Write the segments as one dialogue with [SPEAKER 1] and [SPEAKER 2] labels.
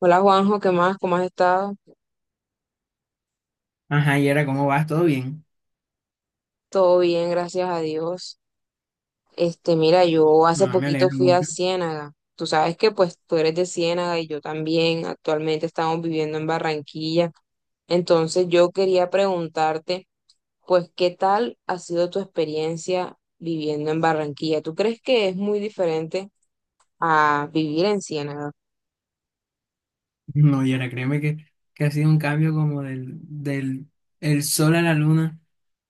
[SPEAKER 1] Hola Juanjo, ¿qué más? ¿Cómo has estado?
[SPEAKER 2] Ajá, Yera, ¿cómo vas? ¿Todo bien?
[SPEAKER 1] Todo bien, gracias a Dios. Mira, yo hace
[SPEAKER 2] No, me
[SPEAKER 1] poquito
[SPEAKER 2] alegra
[SPEAKER 1] fui a
[SPEAKER 2] mucho.
[SPEAKER 1] Ciénaga. Tú sabes que pues tú eres de Ciénaga y yo también. Actualmente estamos viviendo en Barranquilla. Entonces yo quería preguntarte, pues, ¿qué tal ha sido tu experiencia viviendo en Barranquilla? ¿Tú crees que es muy diferente a vivir en Ciénaga?
[SPEAKER 2] No, Yera, créeme que ha sido un cambio como del, del el sol a la luna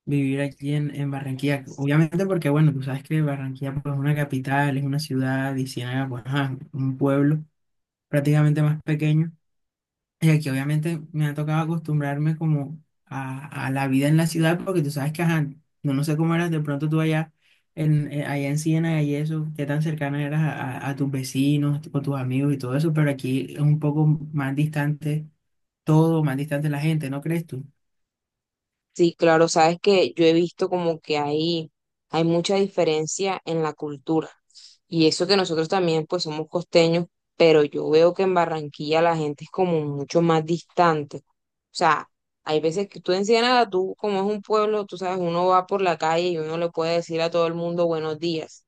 [SPEAKER 2] vivir aquí en Barranquilla. Obviamente porque, bueno, tú sabes que Barranquilla pues, es una capital, es una ciudad, y Ciénaga pues ajá, un pueblo prácticamente más pequeño. Y aquí obviamente me ha tocado acostumbrarme como a la vida en la ciudad, porque tú sabes que, ajá, no, no sé cómo eras de pronto tú allá en Siena y eso, qué tan cercana eras a tus vecinos, o tus amigos y todo eso, pero aquí es un poco más distante todo, más distante la gente, ¿no crees tú?
[SPEAKER 1] Sí, claro, sabes que yo he visto como que hay mucha diferencia en la cultura. Y eso que nosotros también pues somos costeños, pero yo veo que en Barranquilla la gente es como mucho más distante. O sea, hay veces que tú en Ciénaga, tú como es un pueblo, tú sabes, uno va por la calle y uno le puede decir a todo el mundo buenos días.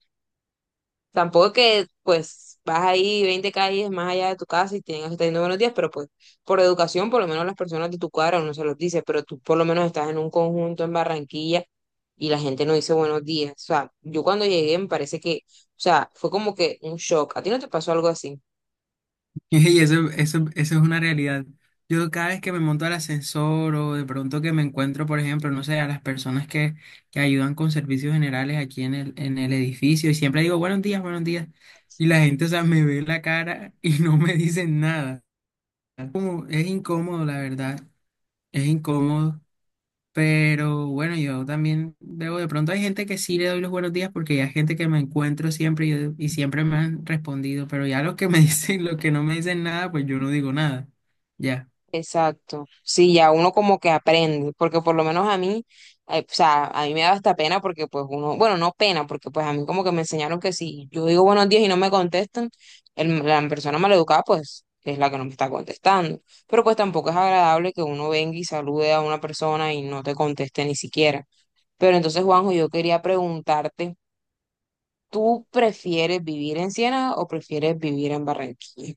[SPEAKER 1] Tampoco que, pues, vas ahí 20 calles más allá de tu casa y tienes que estar diciendo buenos días, pero pues, por educación, por lo menos las personas de tu cuadra uno se los dice, pero tú por lo menos estás en un conjunto en Barranquilla y la gente no dice buenos días. O sea, yo cuando llegué me parece que, o sea, fue como que un shock. ¿A ti no te pasó algo así?
[SPEAKER 2] Y eso es una realidad. Yo cada vez que me monto al ascensor o de pronto que me encuentro, por ejemplo, no sé, a las personas que ayudan con servicios generales aquí en el edificio y siempre digo buenos días, buenos días. Y la gente, o sea, me ve la cara y no me dicen nada. Como, es incómodo, la verdad. Es incómodo. Pero bueno, yo también debo, de pronto hay gente que sí le doy los buenos días porque ya hay gente que me encuentro siempre y siempre me han respondido, pero ya los que me dicen, los que no me dicen nada, pues yo no digo nada. Ya.
[SPEAKER 1] Exacto. Sí, ya uno como que aprende, porque por lo menos a mí, o sea, a mí me da hasta pena porque pues uno, bueno, no pena, porque pues a mí como que me enseñaron que si yo digo buenos días y no me contestan, la persona maleducada pues es la que no me está contestando. Pero pues tampoco es agradable que uno venga y salude a una persona y no te conteste ni siquiera. Pero entonces, Juanjo, yo quería preguntarte, ¿tú prefieres vivir en Siena o prefieres vivir en Barranquilla?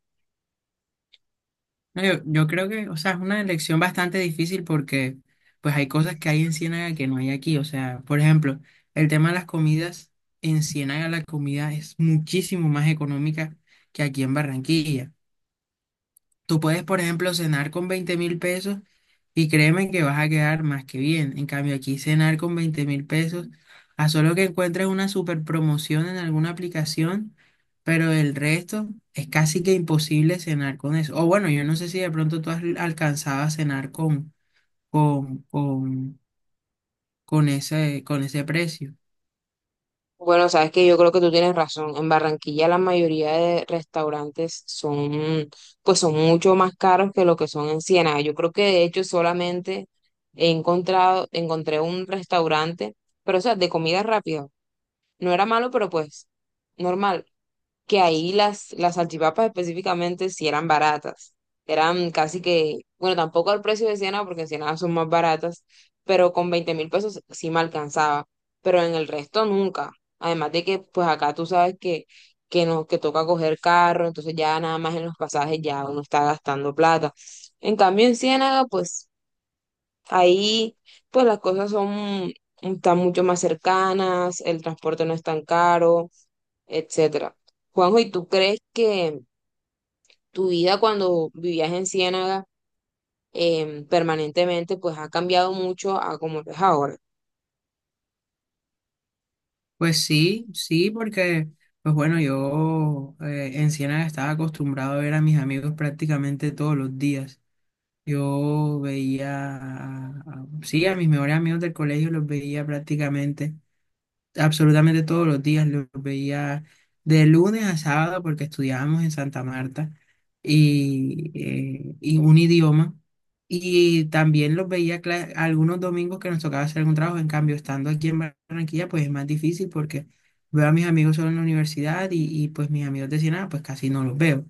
[SPEAKER 2] No, yo creo que, o sea, es una elección bastante difícil porque pues hay cosas que hay en Ciénaga que no hay aquí. O sea, por ejemplo, el tema de las comidas, en Ciénaga la comida es muchísimo más económica que aquí en Barranquilla. Tú puedes, por ejemplo, cenar con 20.000 pesos y créeme que vas a quedar más que bien. En cambio, aquí cenar con 20.000 pesos, a solo que encuentres una super promoción en alguna aplicación, pero el resto es casi que imposible cenar con eso. O bueno, yo no sé si de pronto tú has alcanzado a cenar con, con, con ese precio.
[SPEAKER 1] Bueno, sabes que yo creo que tú tienes razón. En Barranquilla la mayoría de restaurantes son, pues son mucho más caros que lo que son en Ciénaga. Yo creo que de hecho solamente encontré un restaurante, pero o sea, de comida rápida. No era malo, pero pues normal, que ahí las salchipapas específicamente sí eran baratas. Eran casi que, bueno, tampoco al precio de Siena, porque en Siena son más baratas, pero con 20.000 pesos sí me alcanzaba, pero en el resto nunca. Además de que, pues acá tú sabes no, que toca coger carro, entonces ya nada más en los pasajes ya uno está gastando plata. En cambio, en Ciénaga, pues ahí, pues las cosas son, están mucho más cercanas, el transporte no es tan caro, etcétera. Juanjo, ¿y tú crees que tu vida cuando vivías en Ciénaga permanentemente pues ha cambiado mucho a como lo es ahora?
[SPEAKER 2] Pues sí, sí, porque, pues bueno, yo en Ciénaga estaba acostumbrado a ver a mis amigos prácticamente todos los días. Yo veía, sí, a mis mejores amigos del colegio los veía prácticamente, absolutamente todos los días, los veía de lunes a sábado porque estudiábamos en Santa Marta y un idioma. Y también los veía algunos domingos que nos tocaba hacer algún trabajo. En cambio, estando aquí en Barranquilla, pues es más difícil porque veo a mis amigos solo en la universidad y pues mis amigos de Siena, pues casi no los veo.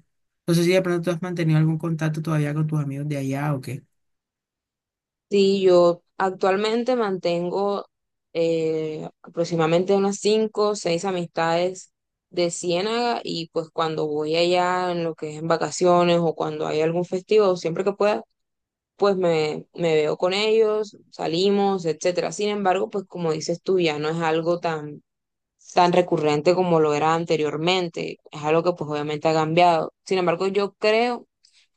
[SPEAKER 2] No sé si de pronto tú has mantenido algún contacto todavía con tus amigos de allá o qué.
[SPEAKER 1] Sí, yo actualmente mantengo aproximadamente unas cinco o seis amistades de Ciénaga, y pues cuando voy allá en lo que es en vacaciones o cuando hay algún festivo, siempre que pueda, pues me veo con ellos, salimos, etcétera. Sin embargo, pues como dices tú, ya no es algo tan recurrente como lo era anteriormente. Es algo que pues obviamente ha cambiado. Sin embargo, yo creo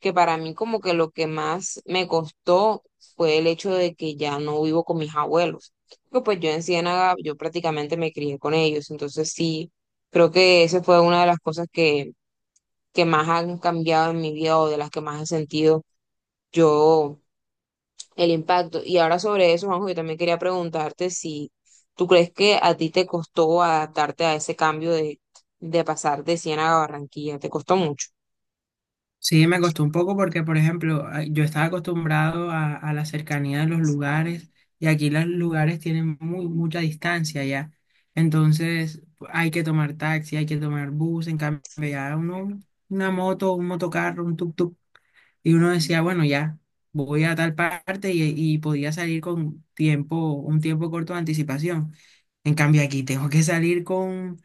[SPEAKER 1] que para mí como que lo que más me costó fue el hecho de que ya no vivo con mis abuelos. Porque pues yo en Ciénaga, yo prácticamente me crié con ellos. Entonces sí, creo que esa fue una de las cosas que más han cambiado en mi vida o de las que más he sentido yo el impacto. Y ahora sobre eso, Juanjo, yo también quería preguntarte si tú crees que a ti te costó adaptarte a ese cambio de pasar de Ciénaga a Barranquilla, te costó mucho.
[SPEAKER 2] Sí, me costó un poco porque, por ejemplo, yo estaba acostumbrado a la cercanía de los lugares y aquí los lugares tienen mucha distancia ya. Entonces hay que tomar taxi, hay que tomar bus, en cambio ya uno, una moto, un motocarro, un tuk-tuk. Y uno decía, bueno, ya voy a tal parte y podía salir con tiempo, un tiempo corto de anticipación. En cambio aquí tengo que salir con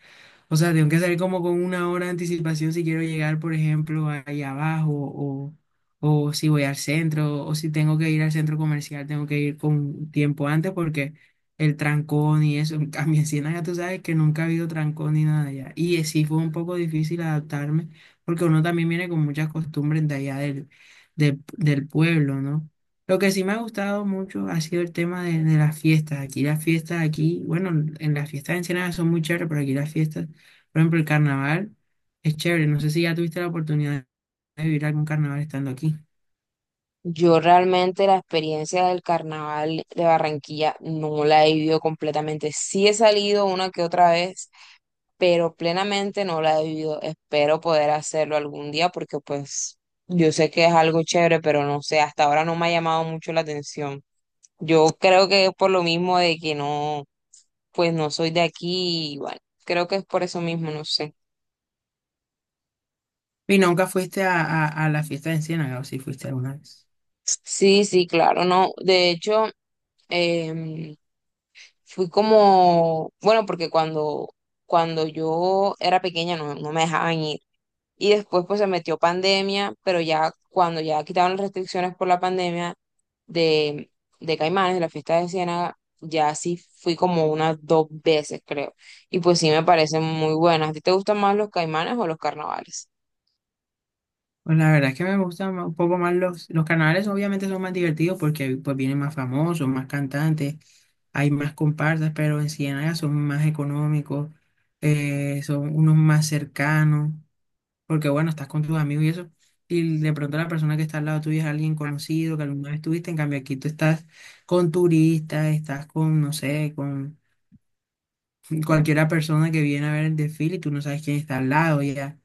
[SPEAKER 2] o sea, tengo que salir como con una hora de anticipación si quiero llegar, por ejemplo, ahí abajo, o si voy al centro, o si tengo que ir al centro comercial, tengo que ir con tiempo antes porque el trancón y eso. En cambio, en Ciénaga tú sabes que nunca ha habido trancón ni nada allá. Y sí fue un poco difícil adaptarme porque uno también viene con muchas costumbres de allá del pueblo, ¿no? Lo que sí me ha gustado mucho ha sido el tema de las fiestas. Aquí las fiestas, aquí, bueno, en las fiestas en Ensenada son muy chéveres, pero aquí las fiestas por ejemplo, el carnaval es chévere. No sé si ya tuviste la oportunidad de vivir algún carnaval estando aquí.
[SPEAKER 1] Yo realmente la experiencia del carnaval de Barranquilla no la he vivido completamente. Sí he salido una que otra vez, pero plenamente no la he vivido. Espero poder hacerlo algún día porque pues yo sé que es algo chévere, pero no sé, hasta ahora no me ha llamado mucho la atención. Yo creo que es por lo mismo de que no, pues no soy de aquí y bueno, creo que es por eso mismo, no sé.
[SPEAKER 2] Y nunca fuiste a, a la fiesta de Enciénaga, o si fuiste alguna vez.
[SPEAKER 1] Sí, sí, claro, no. De hecho, em, fui como, bueno, porque cuando, cuando yo era pequeña no me dejaban ir. Y después pues se metió pandemia, pero ya cuando ya quitaron las restricciones por la pandemia de, de Caimanes, de la fiesta de Ciénaga, ya sí fui como unas dos veces, creo. Y pues sí me parecen muy buenas. ¿A ti te gustan más los Caimanes o los carnavales?
[SPEAKER 2] Pues la verdad es que me gustan un poco más los carnavales, obviamente son más divertidos porque pues vienen más famosos, más cantantes, hay más comparsas, pero en Ciénaga son más económicos, son unos más cercanos. Porque bueno, estás con tus amigos y eso. Y de pronto la persona que está al lado tuyo es alguien conocido que alguna vez tuviste. En cambio, aquí tú estás con turistas, estás con, no sé, con cualquiera persona que viene a ver el desfile y tú no sabes quién está al lado ya.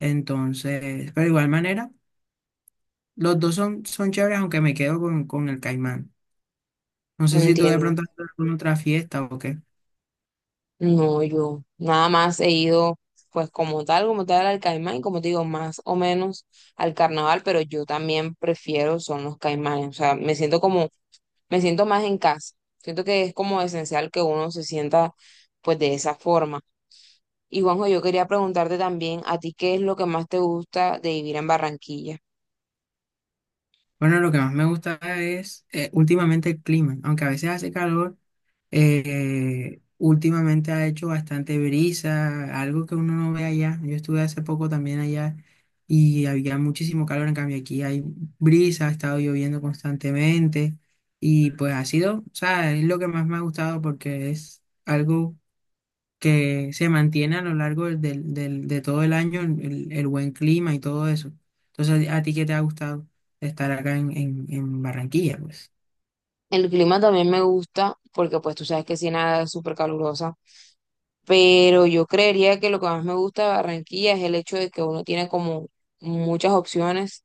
[SPEAKER 2] Entonces, pero de igual manera, los dos son chéveres, aunque me quedo con el Caimán. No sé
[SPEAKER 1] No
[SPEAKER 2] si tú de
[SPEAKER 1] entiendo.
[SPEAKER 2] pronto estás con otra fiesta o qué.
[SPEAKER 1] No, yo nada más he ido, pues como tal al Caimán, y como te digo, más o menos al carnaval, pero yo también prefiero son los Caimanes, o sea, me siento como, me siento más en casa, siento que es como esencial que uno se sienta pues de esa forma. Y Juanjo, yo quería preguntarte también, ¿a ti qué es lo que más te gusta de vivir en Barranquilla?
[SPEAKER 2] Bueno, lo que más me gusta es últimamente el clima, aunque a veces hace calor, últimamente ha hecho bastante brisa, algo que uno no ve allá. Yo estuve hace poco también allá y había muchísimo calor, en cambio aquí hay brisa, ha estado lloviendo constantemente y pues ha sido, o sea, es lo que más me ha gustado porque es algo que se mantiene a lo largo de todo el año el buen clima y todo eso. Entonces, ¿a ti qué te ha gustado estar acá en Barranquilla? Pues
[SPEAKER 1] El clima también me gusta, porque pues tú sabes que Siena es súper calurosa, pero yo creería que lo que más me gusta de Barranquilla es el hecho de que uno tiene como muchas opciones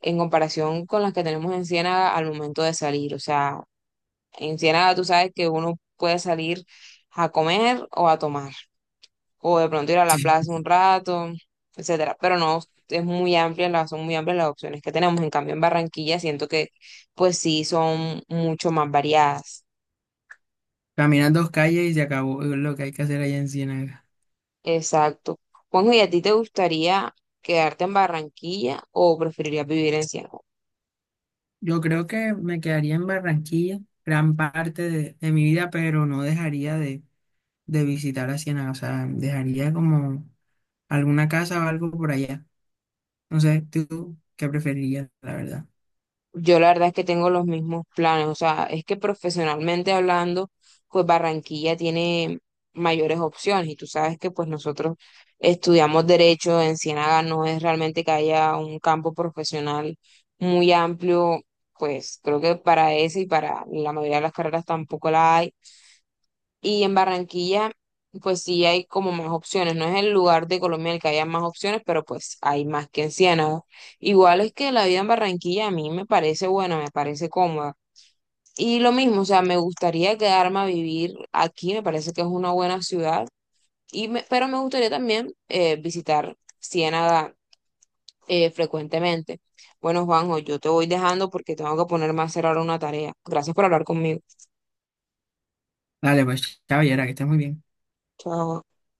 [SPEAKER 1] en comparación con las que tenemos en Ciénaga al momento de salir. O sea, en Ciénaga tú sabes que uno puede salir a comer o a tomar, o de pronto ir a la
[SPEAKER 2] Sí.
[SPEAKER 1] plaza un rato, etcétera. Pero no, es muy amplia, son muy amplias las opciones que tenemos. En cambio, en Barranquilla siento que pues sí son mucho más variadas.
[SPEAKER 2] Caminas dos calles y se acabó lo que hay que hacer allá en Ciénaga.
[SPEAKER 1] Exacto. Juanjo, ¿y a ti te gustaría quedarte en Barranquilla o preferirías vivir en Cienfuegos?
[SPEAKER 2] Yo creo que me quedaría en Barranquilla gran parte de mi vida, pero no dejaría de visitar a Ciénaga. O sea, dejaría como alguna casa o algo por allá. No sé, ¿tú qué preferirías, la verdad?
[SPEAKER 1] Yo la verdad es que tengo los mismos planes, o sea, es que profesionalmente hablando, pues Barranquilla tiene mayores opciones y tú sabes que pues nosotros estudiamos derecho en Ciénaga, no es realmente que haya un campo profesional muy amplio, pues creo que para ese y para la mayoría de las carreras tampoco la hay. Y en Barranquilla, pues sí hay como más opciones. No es el lugar de Colombia en el que haya más opciones, pero pues hay más que en Ciénaga. Igual es que la vida en Barranquilla a mí me parece buena, me parece cómoda. Y lo mismo, o sea, me gustaría quedarme a vivir aquí, me parece que es una buena ciudad. Pero me gustaría también visitar Ciénaga frecuentemente. Bueno, Juanjo, yo te voy dejando porque tengo que ponerme a hacer ahora una tarea. Gracias por hablar conmigo.
[SPEAKER 2] Dale, pues, caballera, que estés muy bien.
[SPEAKER 1] Chao.